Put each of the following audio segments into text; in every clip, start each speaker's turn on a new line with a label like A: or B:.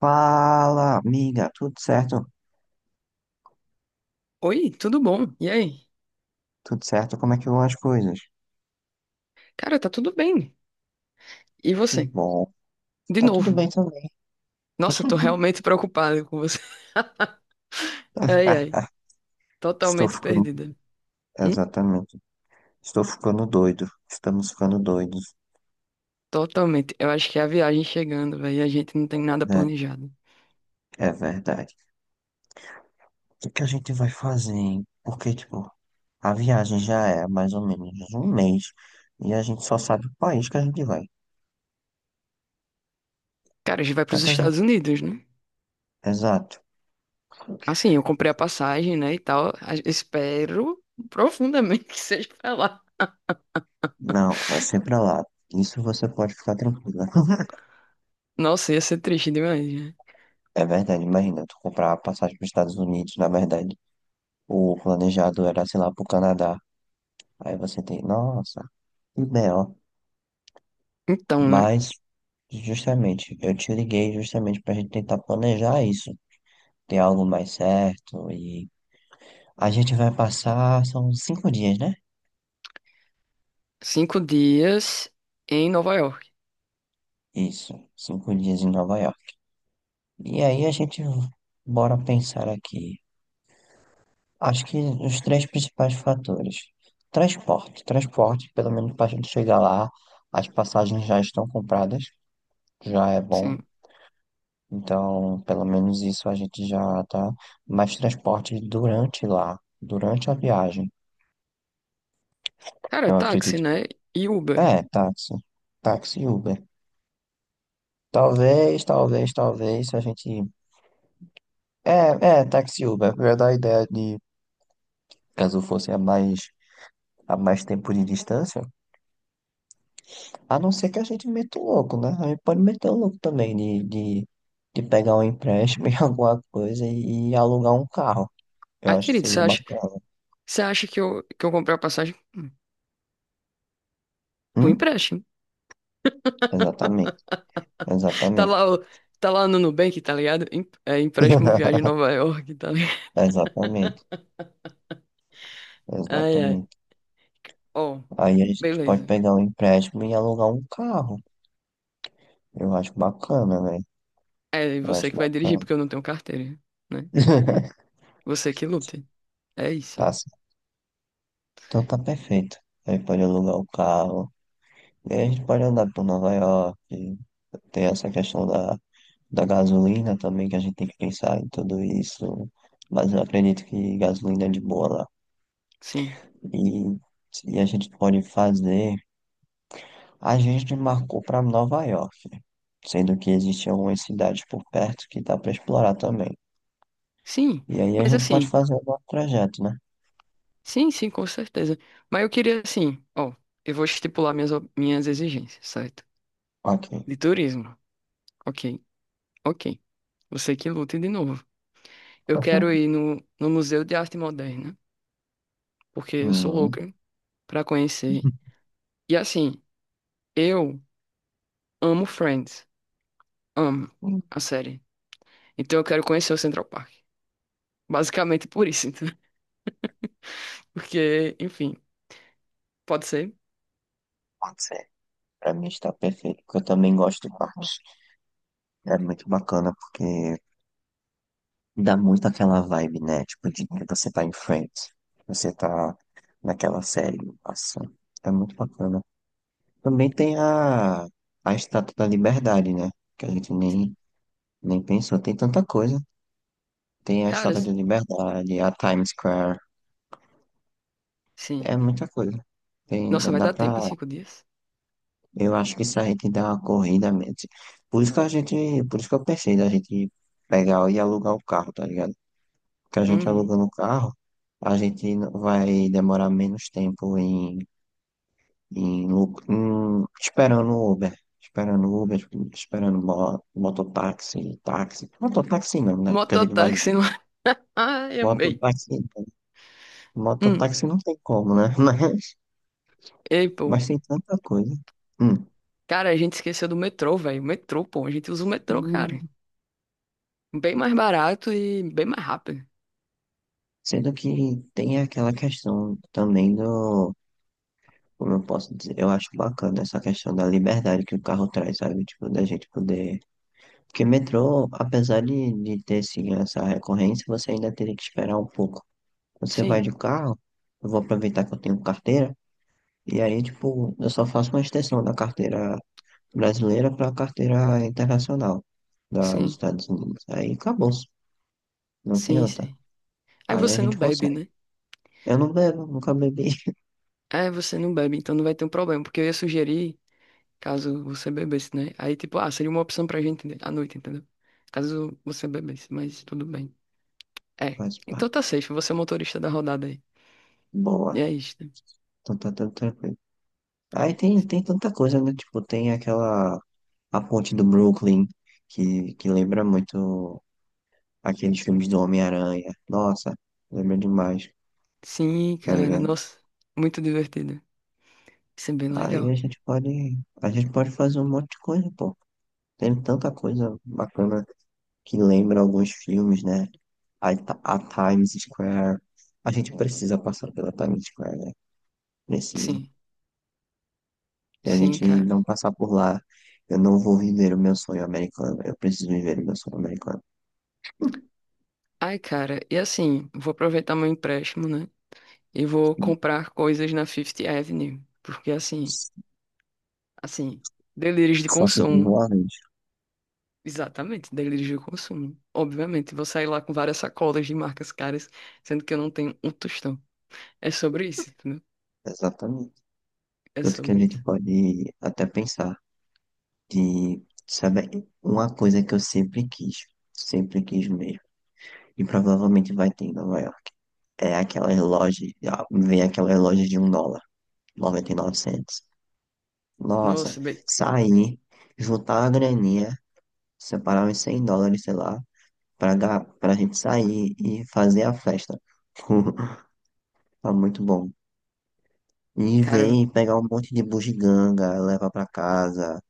A: Fala, amiga, tudo certo?
B: Oi, tudo bom? E aí?
A: Tudo certo? Como é que vão as coisas?
B: Cara, tá tudo bem. E
A: Que
B: você?
A: bom.
B: De
A: Tá tudo
B: novo.
A: bem também.
B: Nossa, eu tô realmente preocupada com você. Ai, ai.
A: Estou
B: Totalmente
A: ficando.
B: perdida. Hum?
A: Exatamente. Estou ficando doido. Estamos ficando doidos.
B: Totalmente. Eu acho que é a viagem chegando, velho, a gente não
A: É
B: tem nada
A: Verdade.
B: planejado.
A: É verdade. O que a gente vai fazer, hein? Porque, tipo, a viagem já é mais ou menos um mês e a gente só sabe o país que a gente vai. O
B: Cara, a gente vai
A: que é
B: pros
A: que a
B: Estados
A: gente...
B: Unidos, né?
A: Exato.
B: Assim, eu comprei a passagem, né, e tal. Espero profundamente que seja pra lá.
A: Não, vai ser pra lá. Isso você pode ficar tranquila.
B: Nossa, ia ser triste demais, né?
A: É verdade, imagina, tu comprar a passagem para os Estados Unidos, na verdade. O planejado era, sei lá, pro Canadá. Aí você tem, nossa, que B.O.
B: Então, né?
A: Mas, justamente, eu te liguei justamente pra gente tentar planejar isso. Ter algo mais certo e... A gente vai passar, são 5 dias, né?
B: 5 dias em Nova York.
A: Isso, 5 dias em Nova York. E aí a gente, bora pensar aqui. Acho que os três principais fatores. Transporte. Transporte, pelo menos para a gente chegar lá, as passagens já estão compradas. Já é bom.
B: Sim.
A: Então, pelo menos isso a gente já tá. Mais transporte durante lá, durante a viagem,
B: Cara,
A: eu
B: táxi,
A: acredito.
B: né? E Uber.
A: É, táxi. Táxi e Uber. Talvez, talvez, talvez, se a gente. É, é, táxi e Uber. Eu ia dar a ideia de, caso fosse a mais tempo de distância, a não ser que a gente meta o louco, né? A gente pode meter o louco também de pegar um empréstimo em alguma coisa e alugar um carro. Eu
B: Ai,
A: acho que
B: querido, você
A: seria
B: acha.
A: bacana.
B: Você acha que eu comprei a passagem com
A: Hum?
B: empréstimo?
A: Exatamente,
B: Tá
A: exatamente.
B: lá, tá lá no Nubank, tá ligado? É empréstimo viagem a Nova York, tá ligado?
A: Exatamente,
B: Ai, ai.
A: exatamente.
B: Ó,
A: Aí a gente pode
B: beleza.
A: pegar um empréstimo e alugar um carro. Eu acho bacana, velho.
B: É
A: Eu
B: você
A: acho
B: que vai dirigir,
A: bacana.
B: porque eu não tenho carteira, né? Você que lute. É isso.
A: Tá, certo. Então tá perfeito. Aí pode alugar o carro. E aí a gente pode andar por Nova York. Tem essa questão da gasolina também, que a gente tem que pensar em tudo isso. Mas eu acredito que gasolina é de boa lá.
B: Sim.
A: E, e a gente pode fazer. A gente marcou para Nova York, sendo que existem algumas cidades por perto que dá para explorar também.
B: Sim,
A: E aí a
B: mas
A: gente pode
B: assim,
A: fazer o nosso trajeto, né?
B: sim, sim, com certeza. Mas eu queria, assim, ó, eu vou estipular minhas exigências, certo?
A: Ok.
B: De turismo. Ok, ok. Você que lute de novo. Eu quero ir no Museu de Arte Moderna, porque eu sou
A: Uhum.
B: louca pra conhecer. E assim, eu amo Friends, amo
A: Hum,
B: a série. Então eu quero conhecer o Central Park. Basicamente por isso, então. Porque, enfim, pode ser.
A: pode ser. Para mim está perfeito, porque eu também gosto de parques. É muito bacana porque dá muito aquela vibe, né? Tipo, de que você tá em frente, você tá naquela série, nossa, é muito bacana. Também tem a Estátua da Liberdade, né? Que a gente nem pensou, tem tanta coisa. Tem a
B: Cara,
A: Estátua da Liberdade, a Times Square, é
B: sim.
A: muita coisa. Tem, dá,
B: Nossa, vai
A: dá
B: dar tempo em
A: pra,
B: 5 dias?
A: eu acho que se a gente der uma corrida mesmo. Por isso que a gente, por isso que eu pensei da gente pegar e alugar o carro, tá ligado? Porque a gente
B: Uhum.
A: alugando o carro, a gente vai demorar menos tempo em, esperando o Uber. Esperando o Uber, esperando mototáxi, táxi. Mototáxi não, né? Porque a gente vai.
B: Mototáxi lá. Ai, amei.
A: Mototáxi,
B: Hum.
A: mototáxi não tem como, né?
B: Ei, pô.
A: Mas tem tanta coisa. Hum.
B: Cara, a gente esqueceu do metrô, velho. O metrô, pô. A gente usa o metrô,
A: Tem-
B: cara. Bem mais barato e bem mais rápido.
A: Sendo que tem aquela questão também do. Como eu posso dizer? Eu acho bacana essa questão da liberdade que o carro traz, sabe? Tipo, da gente poder. Porque metrô, apesar de ter sim essa recorrência, você ainda teria que esperar um pouco. Você vai
B: Sim,
A: de carro, eu vou aproveitar que eu tenho carteira, e aí, tipo, eu só faço uma extensão da carteira brasileira para a carteira internacional dos
B: sim,
A: Estados Unidos. Aí acabou, não tem
B: sim,
A: outra.
B: sim. Aí
A: Aí a
B: você não
A: gente
B: bebe,
A: consegue.
B: né?
A: Eu não bebo, nunca bebi.
B: É, você não bebe, então não vai ter um problema, porque eu ia sugerir, caso você bebesse, né? Aí, tipo, ah, seria uma opção pra gente, né, à noite, entendeu? Caso você bebesse, mas tudo bem. É.
A: Faz
B: Então
A: parte.
B: tá safe, você é o motorista da rodada aí.
A: Boa.
B: E é isso, né?
A: Então tá tudo tranquilo. Aí tem tanta coisa, né? Tipo, tem aquela... A ponte do Brooklyn, que lembra muito aqueles filmes do Homem-Aranha. Nossa, lembra demais,
B: Sim,
A: tá
B: cara,
A: ligado?
B: nossa, muito divertido. Isso é bem
A: Aí
B: legal.
A: a gente pode... A gente pode fazer um monte de coisa, pô. Tem tanta coisa bacana que lembra alguns filmes, né? A, a Times Square. A gente precisa passar pela Times Square, né? Precisa.
B: Sim,
A: Se a
B: sim,
A: gente não
B: cara.
A: passar por lá, eu não vou viver o meu sonho americano. Eu preciso viver o meu sonho americano.
B: Ai, cara, e assim, vou aproveitar meu empréstimo, né? E vou comprar coisas na Fifth Avenue, porque assim, delírios de
A: Só se vive
B: consumo.
A: uma vez.
B: Exatamente, delírio de consumo. Obviamente, vou sair lá com várias sacolas de marcas caras, sendo que eu não tenho um tostão. É sobre isso, entendeu?
A: Exatamente.
B: É
A: Tanto que a
B: sobre
A: gente
B: isso.
A: pode até pensar de, sabe, uma coisa que eu sempre quis mesmo, e provavelmente vai ter em Nova York, é aquelas lojas, ah, vem aquelas lojas de US$ 1, 99 centos. Nossa,
B: Nossa, bem,
A: sair, juntar a graninha, separar uns US$ 100, sei lá, pra gente sair e fazer a festa. Tá muito bom. E
B: cara,
A: vem pegar um monte de bugiganga, leva pra casa,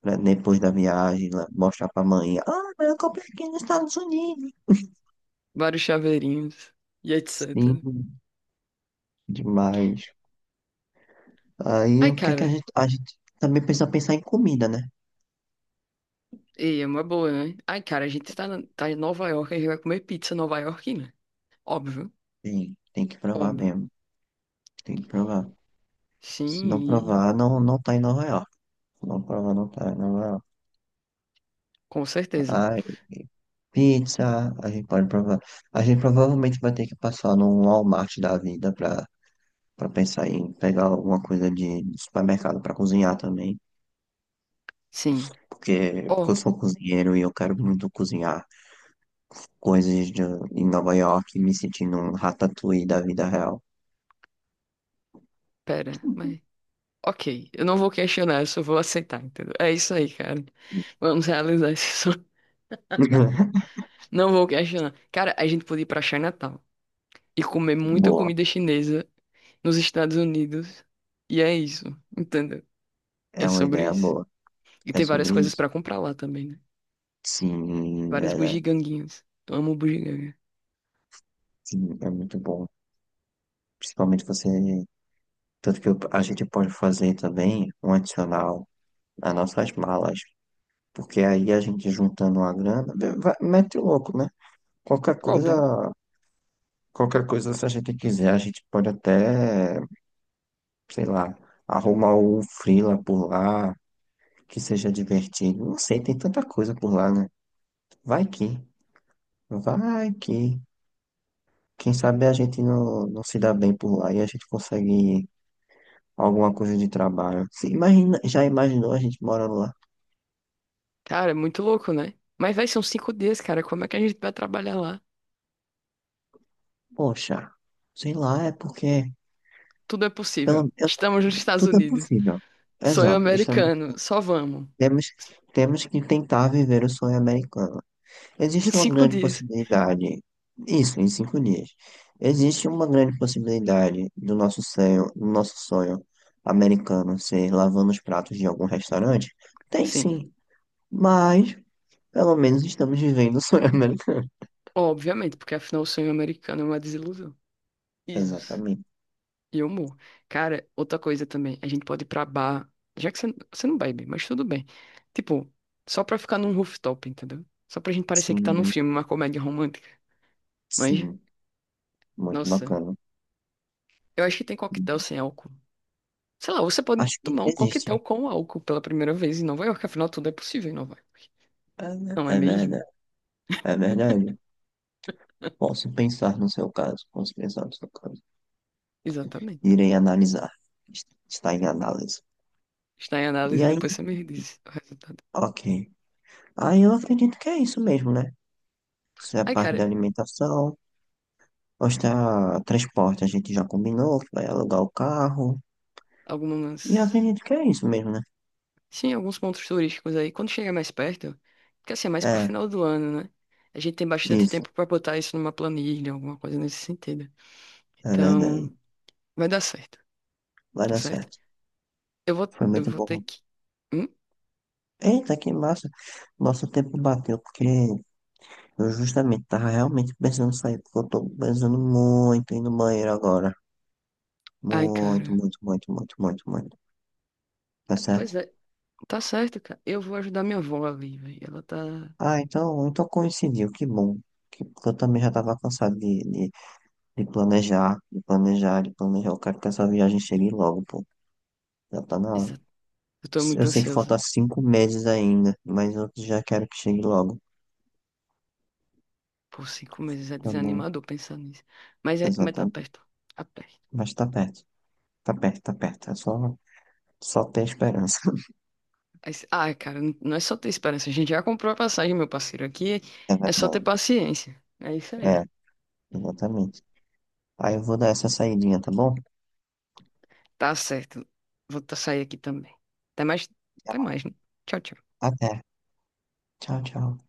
A: pra depois da viagem, mostrar pra mãe. Ah, mas eu comprei aqui nos Estados Unidos.
B: vários chaveirinhos e
A: Sim,
B: etc.
A: demais. Aí
B: Ai,
A: o que é que
B: cara,
A: a gente também precisa pensar em comida, né?
B: e é uma boa, né? Ai, cara, a gente tá, tá em Nova York, a gente vai comer pizza nova iorquina. Óbvio,
A: Tem que provar
B: óbvio.
A: mesmo. Tem que provar. Se não
B: Sim, e…
A: provar, não, não tá em Nova York. Se não provar, não tá em Nova York.
B: com certeza.
A: Ah, Pizza, a gente pode provar. A gente provavelmente vai ter que passar num Walmart da vida pra pensar em pegar alguma coisa de supermercado pra cozinhar também.
B: Sim.
A: Porque eu
B: Oh,
A: sou cozinheiro e eu quero muito cozinhar coisas de, em Nova York, me sentindo um ratatouille da vida real.
B: pera, mas. Ok, eu não vou questionar, eu só vou aceitar, entendeu? É isso aí, cara. Vamos realizar esse sonho. Não vou questionar. Cara, a gente podia ir pra Chinatown e comer muita
A: Boa,
B: comida chinesa nos Estados Unidos. E é isso, entendeu? É
A: é uma
B: sobre
A: ideia
B: isso.
A: boa.
B: E
A: É
B: tem várias
A: sobre
B: coisas
A: isso?
B: pra comprar lá também, né?
A: Sim,
B: Várias
A: verdade.
B: bugiganguinhas. Eu amo bugiganga.
A: Sim, é muito bom. Principalmente você. Tanto que a gente pode fazer também um adicional nas nossas malas. Porque aí a gente juntando uma grana, mete o louco, né? Qualquer
B: Óbvio.
A: coisa, qualquer coisa, se a gente quiser, a gente pode até, sei lá, arrumar um freela por lá, que seja divertido. Não sei, tem tanta coisa por lá, né? Vai que, vai que. Quem sabe a gente não, não se dá bem por lá e a gente consegue alguma coisa de trabalho. Se imagina, já imaginou a gente morando lá?
B: Cara, é muito louco, né? Mas vai, são 5 dias, cara. Como é que a gente vai trabalhar lá?
A: Poxa, sei lá, é porque
B: Tudo é
A: pelo,
B: possível.
A: eu-
B: Estamos nos Estados
A: tudo é
B: Unidos.
A: possível.
B: Sonho
A: Exato, isso é.
B: americano. Só vamos.
A: Temos, temos que tentar viver o sonho americano.
B: Em
A: Existe uma
B: cinco
A: grande
B: dias.
A: possibilidade, isso em 5 dias, existe uma grande possibilidade do nosso sonho americano ser lavando os pratos de algum restaurante? Tem
B: Sim.
A: sim, mas pelo menos estamos vivendo o sonho americano.
B: Obviamente, porque afinal o sonho americano é uma desilusão. Isso.
A: Exatamente.
B: E o humor. Cara, outra coisa também, a gente pode ir pra bar, já que você não bebe, mas tudo bem. Tipo, só pra ficar num rooftop, entendeu? Só pra gente parecer que tá num
A: Sim,
B: filme, uma comédia romântica. Mas,
A: sim, muito
B: nossa,
A: bacana.
B: eu acho que tem coquetel sem álcool. Sei lá, você pode
A: Acho que
B: tomar um
A: existe.
B: coquetel com álcool pela primeira vez em Nova York, afinal tudo é possível em Nova York.
A: É,
B: Não é
A: é verdade,
B: mesmo?
A: é verdade. Posso pensar no seu caso, posso pensar no seu caso.
B: Exatamente.
A: Irei analisar. Está em análise.
B: Está em
A: E
B: análise e
A: aí,
B: depois você me diz o resultado.
A: ok. Aí eu acredito que é isso mesmo, né? Isso é a
B: Ai,
A: parte
B: cara,
A: da alimentação. Mostrar transporte, a gente já combinou que vai alugar o carro. E eu
B: algumas.
A: acredito que é isso mesmo, né?
B: Sim, alguns pontos turísticos aí. Quando chega mais perto, porque assim, é mais pro
A: É,
B: final do ano, né? A gente tem bastante
A: isso.
B: tempo pra botar isso numa planilha, alguma coisa nesse sentido.
A: É verdade.
B: Então, vai dar certo,
A: Vai
B: tá
A: dar
B: certo?
A: certo.
B: Eu vou,
A: Foi
B: eu
A: muito
B: vou ter
A: bom.
B: que. Hum?
A: Eita, que massa. Nosso tempo bateu, porque eu justamente tava realmente pensando em sair, porque eu tô pensando muito em ir no banheiro agora.
B: Ai,
A: Muito,
B: cara.
A: muito, muito, muito, muito, muito. Tá
B: Pois
A: certo?
B: é, tá certo, cara. Eu vou ajudar minha avó ali, velho. Ela tá.
A: Ah, então coincidiu, que bom. Porque eu também já estava cansado de planejar, de planejar, de planejar. Eu quero que essa viagem chegue logo, pô. Já tá na hora.
B: Exa- Eu tô
A: Eu
B: muito
A: sei que falta
B: ansiosa.
A: 5 meses ainda, mas eu já quero que chegue logo.
B: Por 5 meses é
A: Tá bom,
B: desanimador pensar nisso. Mas, é, mas tá
A: exatamente.
B: perto. Tá perto.
A: Mas tá perto, tá perto, tá perto. É só, só ter esperança.
B: Ah, cara, não é só ter esperança. A gente já comprou a passagem, meu parceiro. Aqui
A: É
B: é só ter
A: verdade.
B: paciência. É isso
A: É,
B: aí.
A: exatamente. Aí eu vou dar essa saidinha, tá bom?
B: Tá certo. Vou sair aqui também. Até mais. Até mais, né? Tchau, tchau.
A: Até. Tchau, tchau.